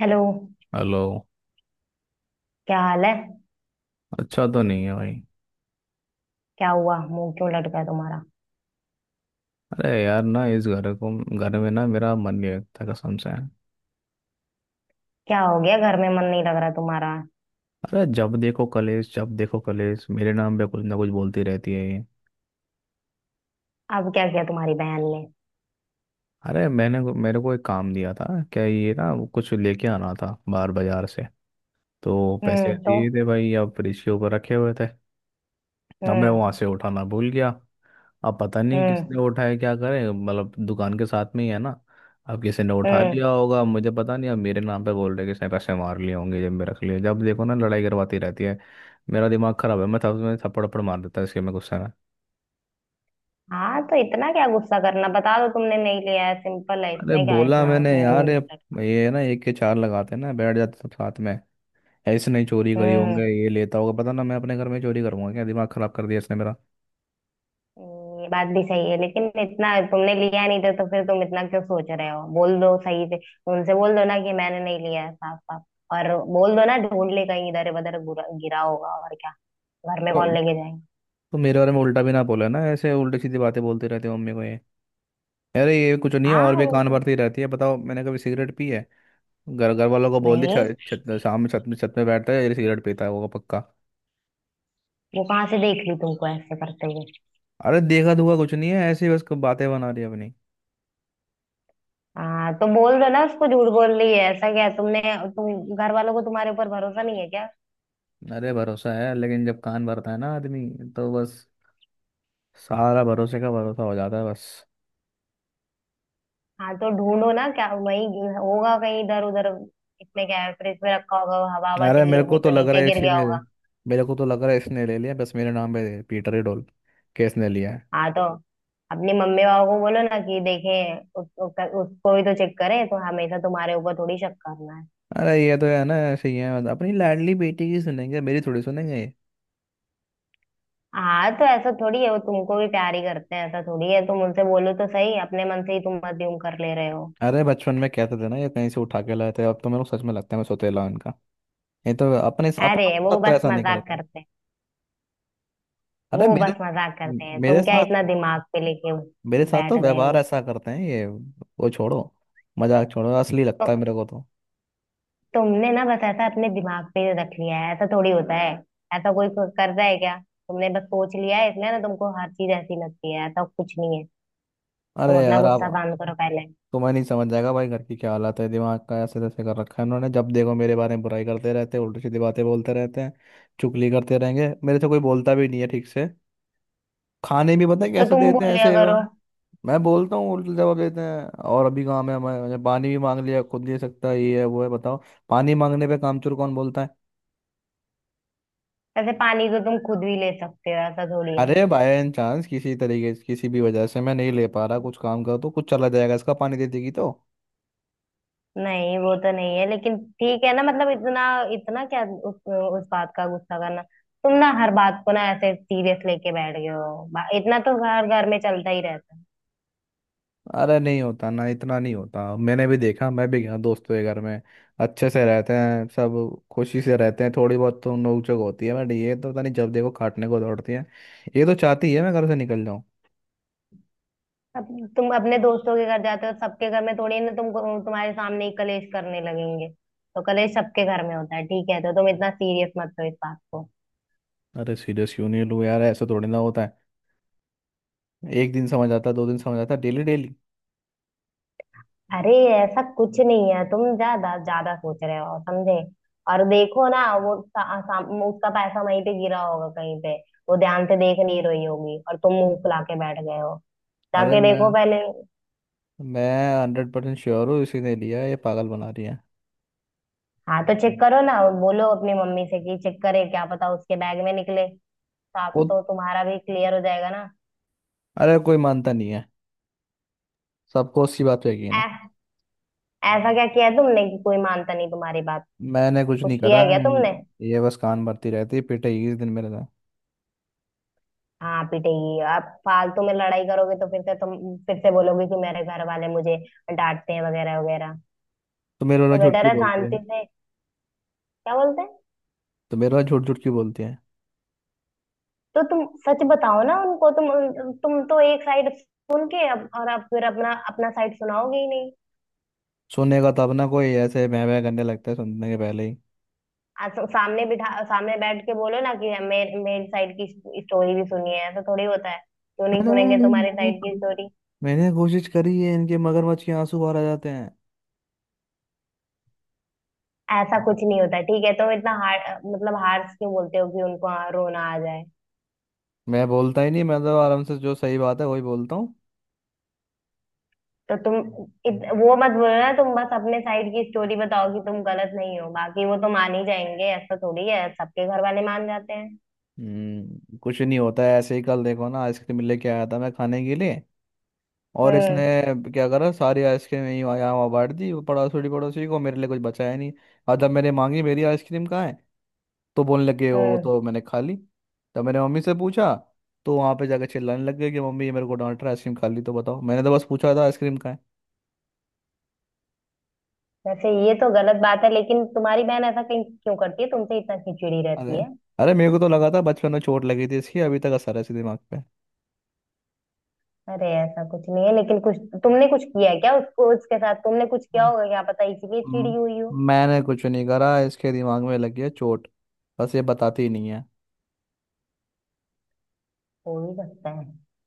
Hello. Hello. क्या हाल है? अच्छा तो नहीं है भाई। क्या हुआ, मुंह क्यों लटका है तुम्हारा? अरे यार ना इस घर को घर में ना मेरा मन नहीं लगता कसम से। क्या हो गया, घर में मन नहीं लग रहा तुम्हारा? अरे जब देखो कलेश मेरे नाम पे कुछ ना कुछ बोलती रहती है ये। अब क्या किया तुम्हारी बहन ने? अरे मैंने मेरे को एक काम दिया था, क्या ये ना वो कुछ लेके आना था बाहर बाजार से, तो पैसे हम्म। तो। दिए थे भाई अब फ्रिज के ऊपर रखे हुए थे। अब मैं हम्म। वहां से उठाना भूल गया। अब पता नहीं किसने हम्म। उठाए क्या करें मतलब दुकान के साथ में ही है ना। अब किसी ने उठा हम्म। लिया होगा मुझे पता नहीं, अब मेरे नाम पे बोल रहे किसने पैसे मार लिए होंगे जेब में रख लिए, जब देखो ना लड़ाई करवाती रहती है। मेरा दिमाग खराब है, मैं थप्पड़ थप्पड़ मार देता इसके में गुस्से में। हाँ, तो इतना क्या गुस्सा करना, बता दो तुमने नहीं लिया है। सिंपल है, अरे इसमें क्या है बोला इतना मैंने यार ये मुंह लटका। ना एक के चार लगाते हैं ना बैठ जाते सब साथ में। ऐसे नहीं चोरी करी होंगे हम्म। ये लेता होगा पता ना, मैं अपने घर में चोरी करूंगा क्या? दिमाग खराब कर दिया इसने मेरा। ये बात भी सही है, लेकिन इतना तुमने लिया नहीं था तो फिर तुम इतना क्यों सोच रहे हो? बोल दो सही से। उनसे बोल दो ना कि मैंने नहीं लिया है, साफ साफ। और बोल दो ना, ढूंढ ले कहीं, इधर उधर गिरा गिरा होगा, और क्या? घर में कौन तो, लेके जाएगा? तो मेरे बारे में उल्टा भी ना बोला ना, ऐसे उल्टी सीधी बातें बोलते रहते हो मम्मी को ये। अरे ये कुछ नहीं है हाँ, और भी वो कान तो। भरती रहती है, बताओ मैंने कभी सिगरेट पी है? घर घर वालों को बोल दी नहीं, छत शाम में छत में बैठता है ये सिगरेट पीता है वो पक्का। वो कहाँ से देख ली तुमको ऐसे करते हुए? अरे देखा दुखा कुछ नहीं है ऐसे ही बस बातें बना रही है अपनी। हाँ, तो बोल दो ना उसको झूठ बोल रही है, ऐसा क्या है? तुमने। तुम घर वालों को, तुम्हारे ऊपर भरोसा नहीं है क्या? अरे भरोसा है लेकिन जब कान भरता है ना आदमी, तो बस सारा भरोसे का भरोसा हो जाता है बस। हाँ, तो ढूंढो ना, क्या वही होगा कहीं इधर उधर। इसमें क्या है, फ्रिज में रखा होगा, हवा हवा अरे चली मेरे को होगी तो तो लग रहा नीचे है गिर गया इसने होगा। मेरे को तो लग रहा है इसने ले लिया बस, मेरे नाम पे पीटर ही डोल केस ने लिया है। हाँ, तो अपनी मम्मी पापा को बोलो ना कि देखें, उसको भी तो चेक करें। तो हमेशा तुम्हारे ऊपर थोड़ी शक करना है। अरे ये तो है ना ऐसे ही है, अपनी लाडली बेटी की सुनेंगे मेरी थोड़ी सुनेंगे। हाँ, तो ऐसा थोड़ी है, वो तुमको भी प्यार ही करते हैं, ऐसा थोड़ी है। तुम उनसे बोलो तो सही, अपने मन से ही तुम अज्यूम कर ले रहे हो। अरे बचपन में कहते थे ना ये कहीं से उठा के लाए थे, अब तो मेरे को सच में लगता है मैं सोतेला हूं इनका। नहीं तो अपने अपने अरे, साथ वो तो बस ऐसा नहीं मजाक करता। करते हैं। अरे वो मेरे बस मजाक करते हैं, मेरे तुम क्या साथ इतना दिमाग पे लेके मेरे साथ तो बैठ गए व्यवहार हो? ऐसा करते हैं ये, वो छोड़ो मजाक छोड़ो, असली तो लगता है मेरे को तो। तुमने ना बस ऐसा अपने दिमाग पे रख लिया है, ऐसा थोड़ी होता है। ऐसा कोई करता है क्या? तुमने बस सोच लिया है, इसलिए ना तुमको हर चीज ऐसी लगती है, ऐसा कुछ नहीं है। अरे तुम अपना यार आप गुस्सा शांत करो पहले। तुम्हें नहीं समझ जाएगा भाई घर की क्या हालत है, दिमाग का ऐसे तैसे कर रखा है उन्होंने, जब देखो मेरे बारे में बुराई करते रहते हैं उल्टी सीधी बातें बोलते रहते हैं। चुगली करते रहेंगे, मेरे से कोई बोलता भी नहीं है ठीक से। खाने भी पता है तो कैसे तुम देते बोल हैं लिया ऐसे वो। करो। मैं बोलता हूँ उल्टा जवाब देते हैं, और अभी काम है हमारे मैंने पानी भी मांग लिया, खुद दे सकता है ये है वो है, बताओ पानी मांगने पे कामचोर कौन बोलता है? ऐसे पानी तो तुम खुद भी ले सकते हो, ऐसा थोड़ी है। अरे बाय चांस किसी तरीके से किसी भी वजह से मैं नहीं ले पा रहा कुछ काम का तो कुछ चला जाएगा इसका पानी दे देगी तो। नहीं, वो तो नहीं है, लेकिन ठीक है ना, मतलब इतना। इतना क्या उस बात का गुस्सा करना। तुम ना हर बात को ना ऐसे सीरियस लेके बैठ गए हो। इतना तो हर घर में चलता ही रहता है। अरे नहीं होता ना, इतना नहीं होता, मैंने भी देखा मैं भी गया दोस्तों के घर में। अच्छे से रहते हैं सब, खुशी से रहते हैं थोड़ी बहुत तो नोकझोंक होती है बट ये तो पता नहीं जब देखो काटने को दौड़ती है, ये तो चाहती है मैं घर से निकल जाऊँ। अब तुम अपने दोस्तों के घर जाते हो, सबके घर में थोड़ी ना तुम, तुम्हारे सामने ही कलेश करने लगेंगे? तो कलेश सबके घर में होता है, ठीक है? तो तुम इतना सीरियस मत लो इस बात को। अरे सीरियस क्यों नहीं लूँ यार, ऐसा थोड़ी ना होता है। एक दिन समझ आता दो दिन समझ आता, डेली डेली। अरे, ऐसा कुछ नहीं है, तुम ज्यादा ज्यादा सोच रहे हो, समझे? और देखो ना, वो सा, सा, उसका पैसा वहीं पे गिरा होगा कहीं पे। वो ध्यान से देख नहीं रही होगी और तुम मुंह फुला के बैठ गए हो। अरे जाके देखो पहले। मैं 100% श्योर हूँ इसी ने लिया है, ये पागल बना रही है हाँ, तो चेक करो ना। बोलो अपनी मम्मी से कि चेक करे, क्या पता उसके बैग में निकले। तो आप खुद। तो तुम्हारा भी क्लियर हो जाएगा ना। अरे कोई मानता नहीं है, सबको उसकी बात पे यकीन है। ऐ- ऐसा क्या किया है तुमने कि कोई मानता नहीं तुम्हारी बात? मैंने कुछ कुछ नहीं किया करा है क्या तुमने? है, ये बस कान भरती रहती है पिटाई इस दिन मेरे साथ। हाँ, पिटेगी। आप फालतू में लड़ाई करोगे तो फिर से तुम फिर से बोलोगे कि मेरे घर वाले मुझे डांटते हैं, वगैरह वगैरह। तो मेरे वाला तो झूठ बेटर क्यों है बोलती है? शांति से। क्या बोलते हैं? तो मेरे वाला झूठ झूठ क्यों बोलती है? तो तुम सच बताओ ना उनको। तुम तुम तो एक साइड सुन के, अब और अब फिर अपना अपना साइड सुनाओगे ही नहीं? सुनने का तब ना कोई ऐसे बह बह करने लगता है सुनने के पहले ही। तो सामने बिठा, सामने बैठ के बोलो ना कि मेरे मेरे साइड की स्टोरी भी सुनिए। ऐसा थोड़ी होता है, क्यों नहीं अरे सुनेंगे तुम्हारे मैंने साइड की को- स्टोरी? मैंने कोशिश करी है, इनके मगरमच्छ के आंसू बाहर आ जाते हैं। ऐसा कुछ नहीं होता, ठीक है। तुम इतना हार मतलब हार्श क्यों बोलते हो कि उनको रोना आ जाए? मैं बोलता ही नहीं, मैं तो आराम से जो सही बात है वही बोलता। तो तुम वो मत बोलना, तुम बस अपने साइड की स्टोरी बताओ कि तुम गलत नहीं हो। बाकी वो तो मान ही जाएंगे, ऐसा थोड़ी है सबके घर वाले मान जाते हैं। कुछ नहीं होता है ऐसे ही, कल देखो ना आइसक्रीम लेके आया था मैं खाने के लिए, और इसने हम्म। क्या करा, सारी आइसक्रीम यहाँ वहाँ बांट दी वो, पड़ोसी पड़ोसी को, मेरे लिए कुछ बचाया नहीं। और जब मैंने मांगी मेरी आइसक्रीम कहाँ है, तो बोलने लगे वो हम्म। तो मैंने खा ली। जब मैंने मम्मी से पूछा, तो वहाँ पे जाकर चिल्लाने लग गए कि मम्मी ये मेरे को डांट रहा है आइसक्रीम खा ली, तो बताओ मैंने तो बस पूछा था आइसक्रीम कहाँ है। वैसे ये तो गलत बात है, लेकिन तुम्हारी बहन ऐसा कहीं क्यों करती है तुमसे, इतना खिचड़ी अरे रहती है? अरे मेरे को तो लगा था बचपन में चोट लगी थी इसकी, अभी तक असर है इसके दिमाग पे। अरे, ऐसा कुछ नहीं है, लेकिन कुछ तुमने कुछ किया है क्या उसको? उसके साथ तुमने कुछ किया होगा क्या पता, इसीलिए चिड़ी हुई हो। हम्म, मैंने कुछ नहीं करा, इसके दिमाग में लगी है चोट, बस ये बताती ही नहीं है। हो ही सकता है,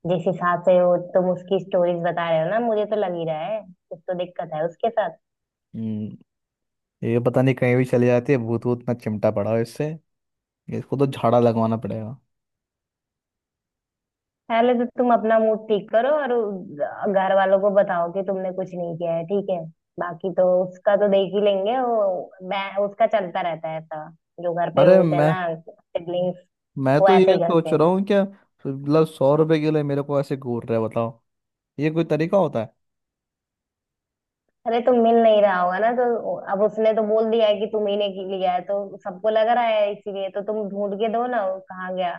जिस हिसाब से हो तुम उसकी स्टोरीज बता रहे हो ना, मुझे तो लग ही रहा है कुछ तो दिक्कत है उसके साथ। हम्म ये पता नहीं कहीं भी चली जाती है, भूत वूत ना चिमटा पड़ा हो इससे, इसको तो झाड़ा लगवाना पड़ेगा। पहले तो तुम अपना मूड ठीक करो और घर वालों को बताओ कि तुमने कुछ नहीं किया है, ठीक है। बाकी तो उसका तो देख ही लेंगे, वो उसका चलता रहता है ऐसा। जो घर पे अरे होते हैं ना सिबलिंग्स, मैं वो तो ऐसे ये ही करते सोच रहा हैं। हूँ क्या मतलब 100 रुपए के लिए मेरे को ऐसे घूर रहे हैं, बताओ ये कोई तरीका होता है? अरे, तुम मिल नहीं रहा होगा ना, तो अब उसने तो बोल दिया है कि तुम ही ने लिया है, तो सबको लग रहा है। इसीलिए तो तुम ढूंढ के दो ना वो कहाँ गया।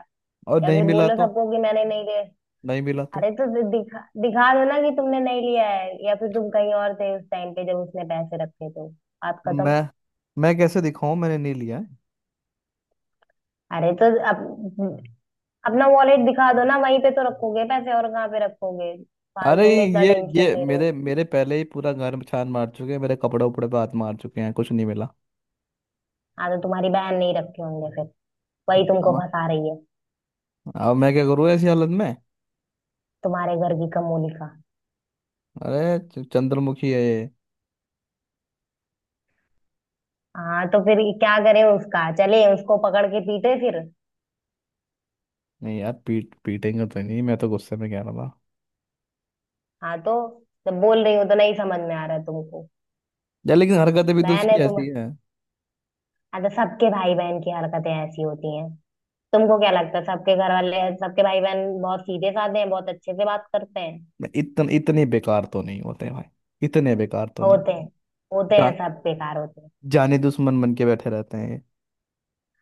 और या नहीं फिर मिला बोलो तो? सबको कि मैंने नहीं लिया। नहीं मिला तो? अरे, तो दिखा दिखा दो ना कि तुमने नहीं लिया है, या फिर तुम कहीं और थे उस टाइम पे जब उसने पैसे रखे तो। आप तो खत्म। मैं मैं कैसे दिखाऊं मैंने नहीं लिया है? अरे, तो अपना वॉलेट दिखा दो ना, वहीं पे तो रखोगे पैसे और कहाँ पे रखोगे? अरे फालतू में इतना टेंशन ये ले रहे हो। मेरे मेरे पहले ही पूरा घर में छान मार चुके हैं, मेरे कपड़े उपड़े पे हाथ मार चुके हैं, कुछ नहीं मिला। हाँ, तो तुम्हारी बहन नहीं रखे होंगे फिर, वही तुमको अब फंसा रही है। अब मैं क्या करूँ ऐसी हालत में? तुम्हारे घर की कमोली का। चंद्रमुखी है ये। हाँ, तो फिर क्या करें उसका, चले उसको पकड़ के पीटे फिर? नहीं यार पीटेंगे तो नहीं, मैं तो गुस्से में कह रहा था। हाँ, तो जब बोल रही हूँ तो नहीं समझ में आ रहा है तुमको? यार लेकिन हरकतें भी तो बहन उसकी है तो। ऐसी है। हाँ, तो सबके भाई बहन की हरकतें ऐसी होती हैं। तुमको क्या लगता है सबके घर वाले, सबके भाई बहन बहुत सीधे साधे हैं, बहुत अच्छे से बात करते हैं? मैं इतन इतने बेकार तो नहीं होते भाई, इतने बेकार तो नहीं होते होते। हैं। होते जा, हैं, सब बेकार होते हैं। जाने दुश्मन बन के बैठे रहते हैं ये।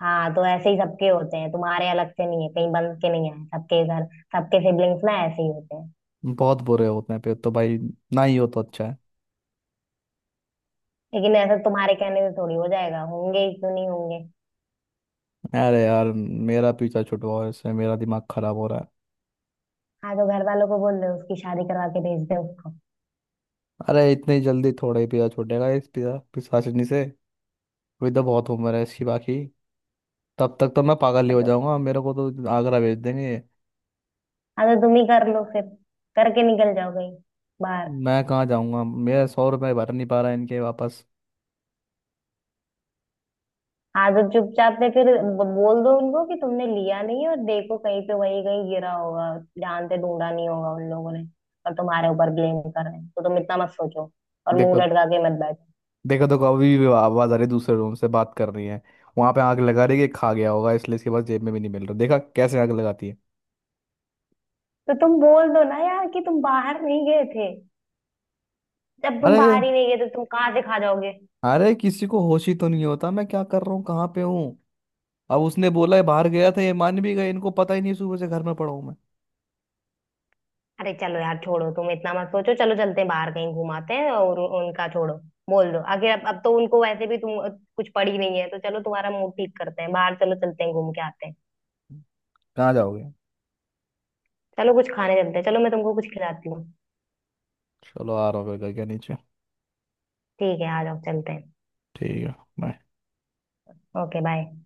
हाँ, तो ऐसे ही सबके होते हैं, तुम्हारे अलग से नहीं है, कहीं बन के नहीं आए सबके घर। सबके सिबलिंग्स ना ऐसे ही होते हैं। बहुत बुरे होते हैं फिर तो भाई, ना ही हो तो अच्छा लेकिन ऐसा तुम्हारे कहने से थोड़ी हो जाएगा, होंगे ही, क्यों नहीं होंगे? है। अरे यार मेरा पीछा छुटवाओ इससे, मेरा दिमाग खराब हो रहा है। हाँ, तो घर वालों को बोल दो उसकी शादी करवा के भेज दे उसको। अरे इतनी जल्दी थोड़ा ही पीछा छूटेगा इस पीछा पिशाचिनी से, विदा बहुत उम्र है इसकी बाकी, तब तक तो मैं पागल ही हाँ हो तो। जाऊंगा, मेरे को तो आगरा भेज देंगे। हाँ, तो तुम ही कर लो फिर, करके निकल जाओ कहीं बाहर। मैं कहाँ जाऊंगा, मेरा 100 रुपये भर नहीं पा रहा है इनके वापस। हाँ, तो चुपचाप से फिर बोल दो उनको कि तुमने लिया नहीं, और देखो कहीं पे वही कहीं गिरा होगा, ध्यान से ढूंढा नहीं होगा उन लोगों ने। और तुम्हारे ऊपर ब्लेम कर रहे हैं, तो तुम इतना मत सोचो और मुंह देखो लटका के मत बैठो। देखो तो अभी भी आवाज आ रही है दूसरे रूम से बात कर रही है, वहां पे आग लगा रही है कि खा गया होगा इसलिए इसके पास जेब में भी नहीं मिल रहा, देखा कैसे आग लगाती है? तो तुम बोल दो ना यार कि तुम बाहर नहीं गए थे, जब तुम अरे बाहर ही नहीं गए तो तुम कहाँ से खा जाओगे? अरे किसी को होश ही तो नहीं होता मैं क्या कर रहा हूँ कहाँ पे हूँ। अब उसने बोला है बाहर गया था ये मान भी गए, इनको पता ही नहीं सुबह से घर में पड़ा हूँ मैं। अरे, चलो यार, छोड़ो, तुम इतना मत सोचो, चलो चलते हैं बाहर कहीं, घुमाते हैं और उनका छोड़ो। बोल दो आखिर, अब तो उनको वैसे भी तुम कुछ पड़ी नहीं है, तो चलो तुम्हारा मूड ठीक करते हैं, बाहर चलो चलते हैं घूम के आते हैं। कहाँ जाओगे? चलो कुछ खाने चलते हैं, चलो मैं तुमको कुछ खिलाती हूँ। चलो आ रहा हूँ घर के नीचे। ठीक है, आ जाओ, चलते हैं। ठीक है, bye। Okay, bye.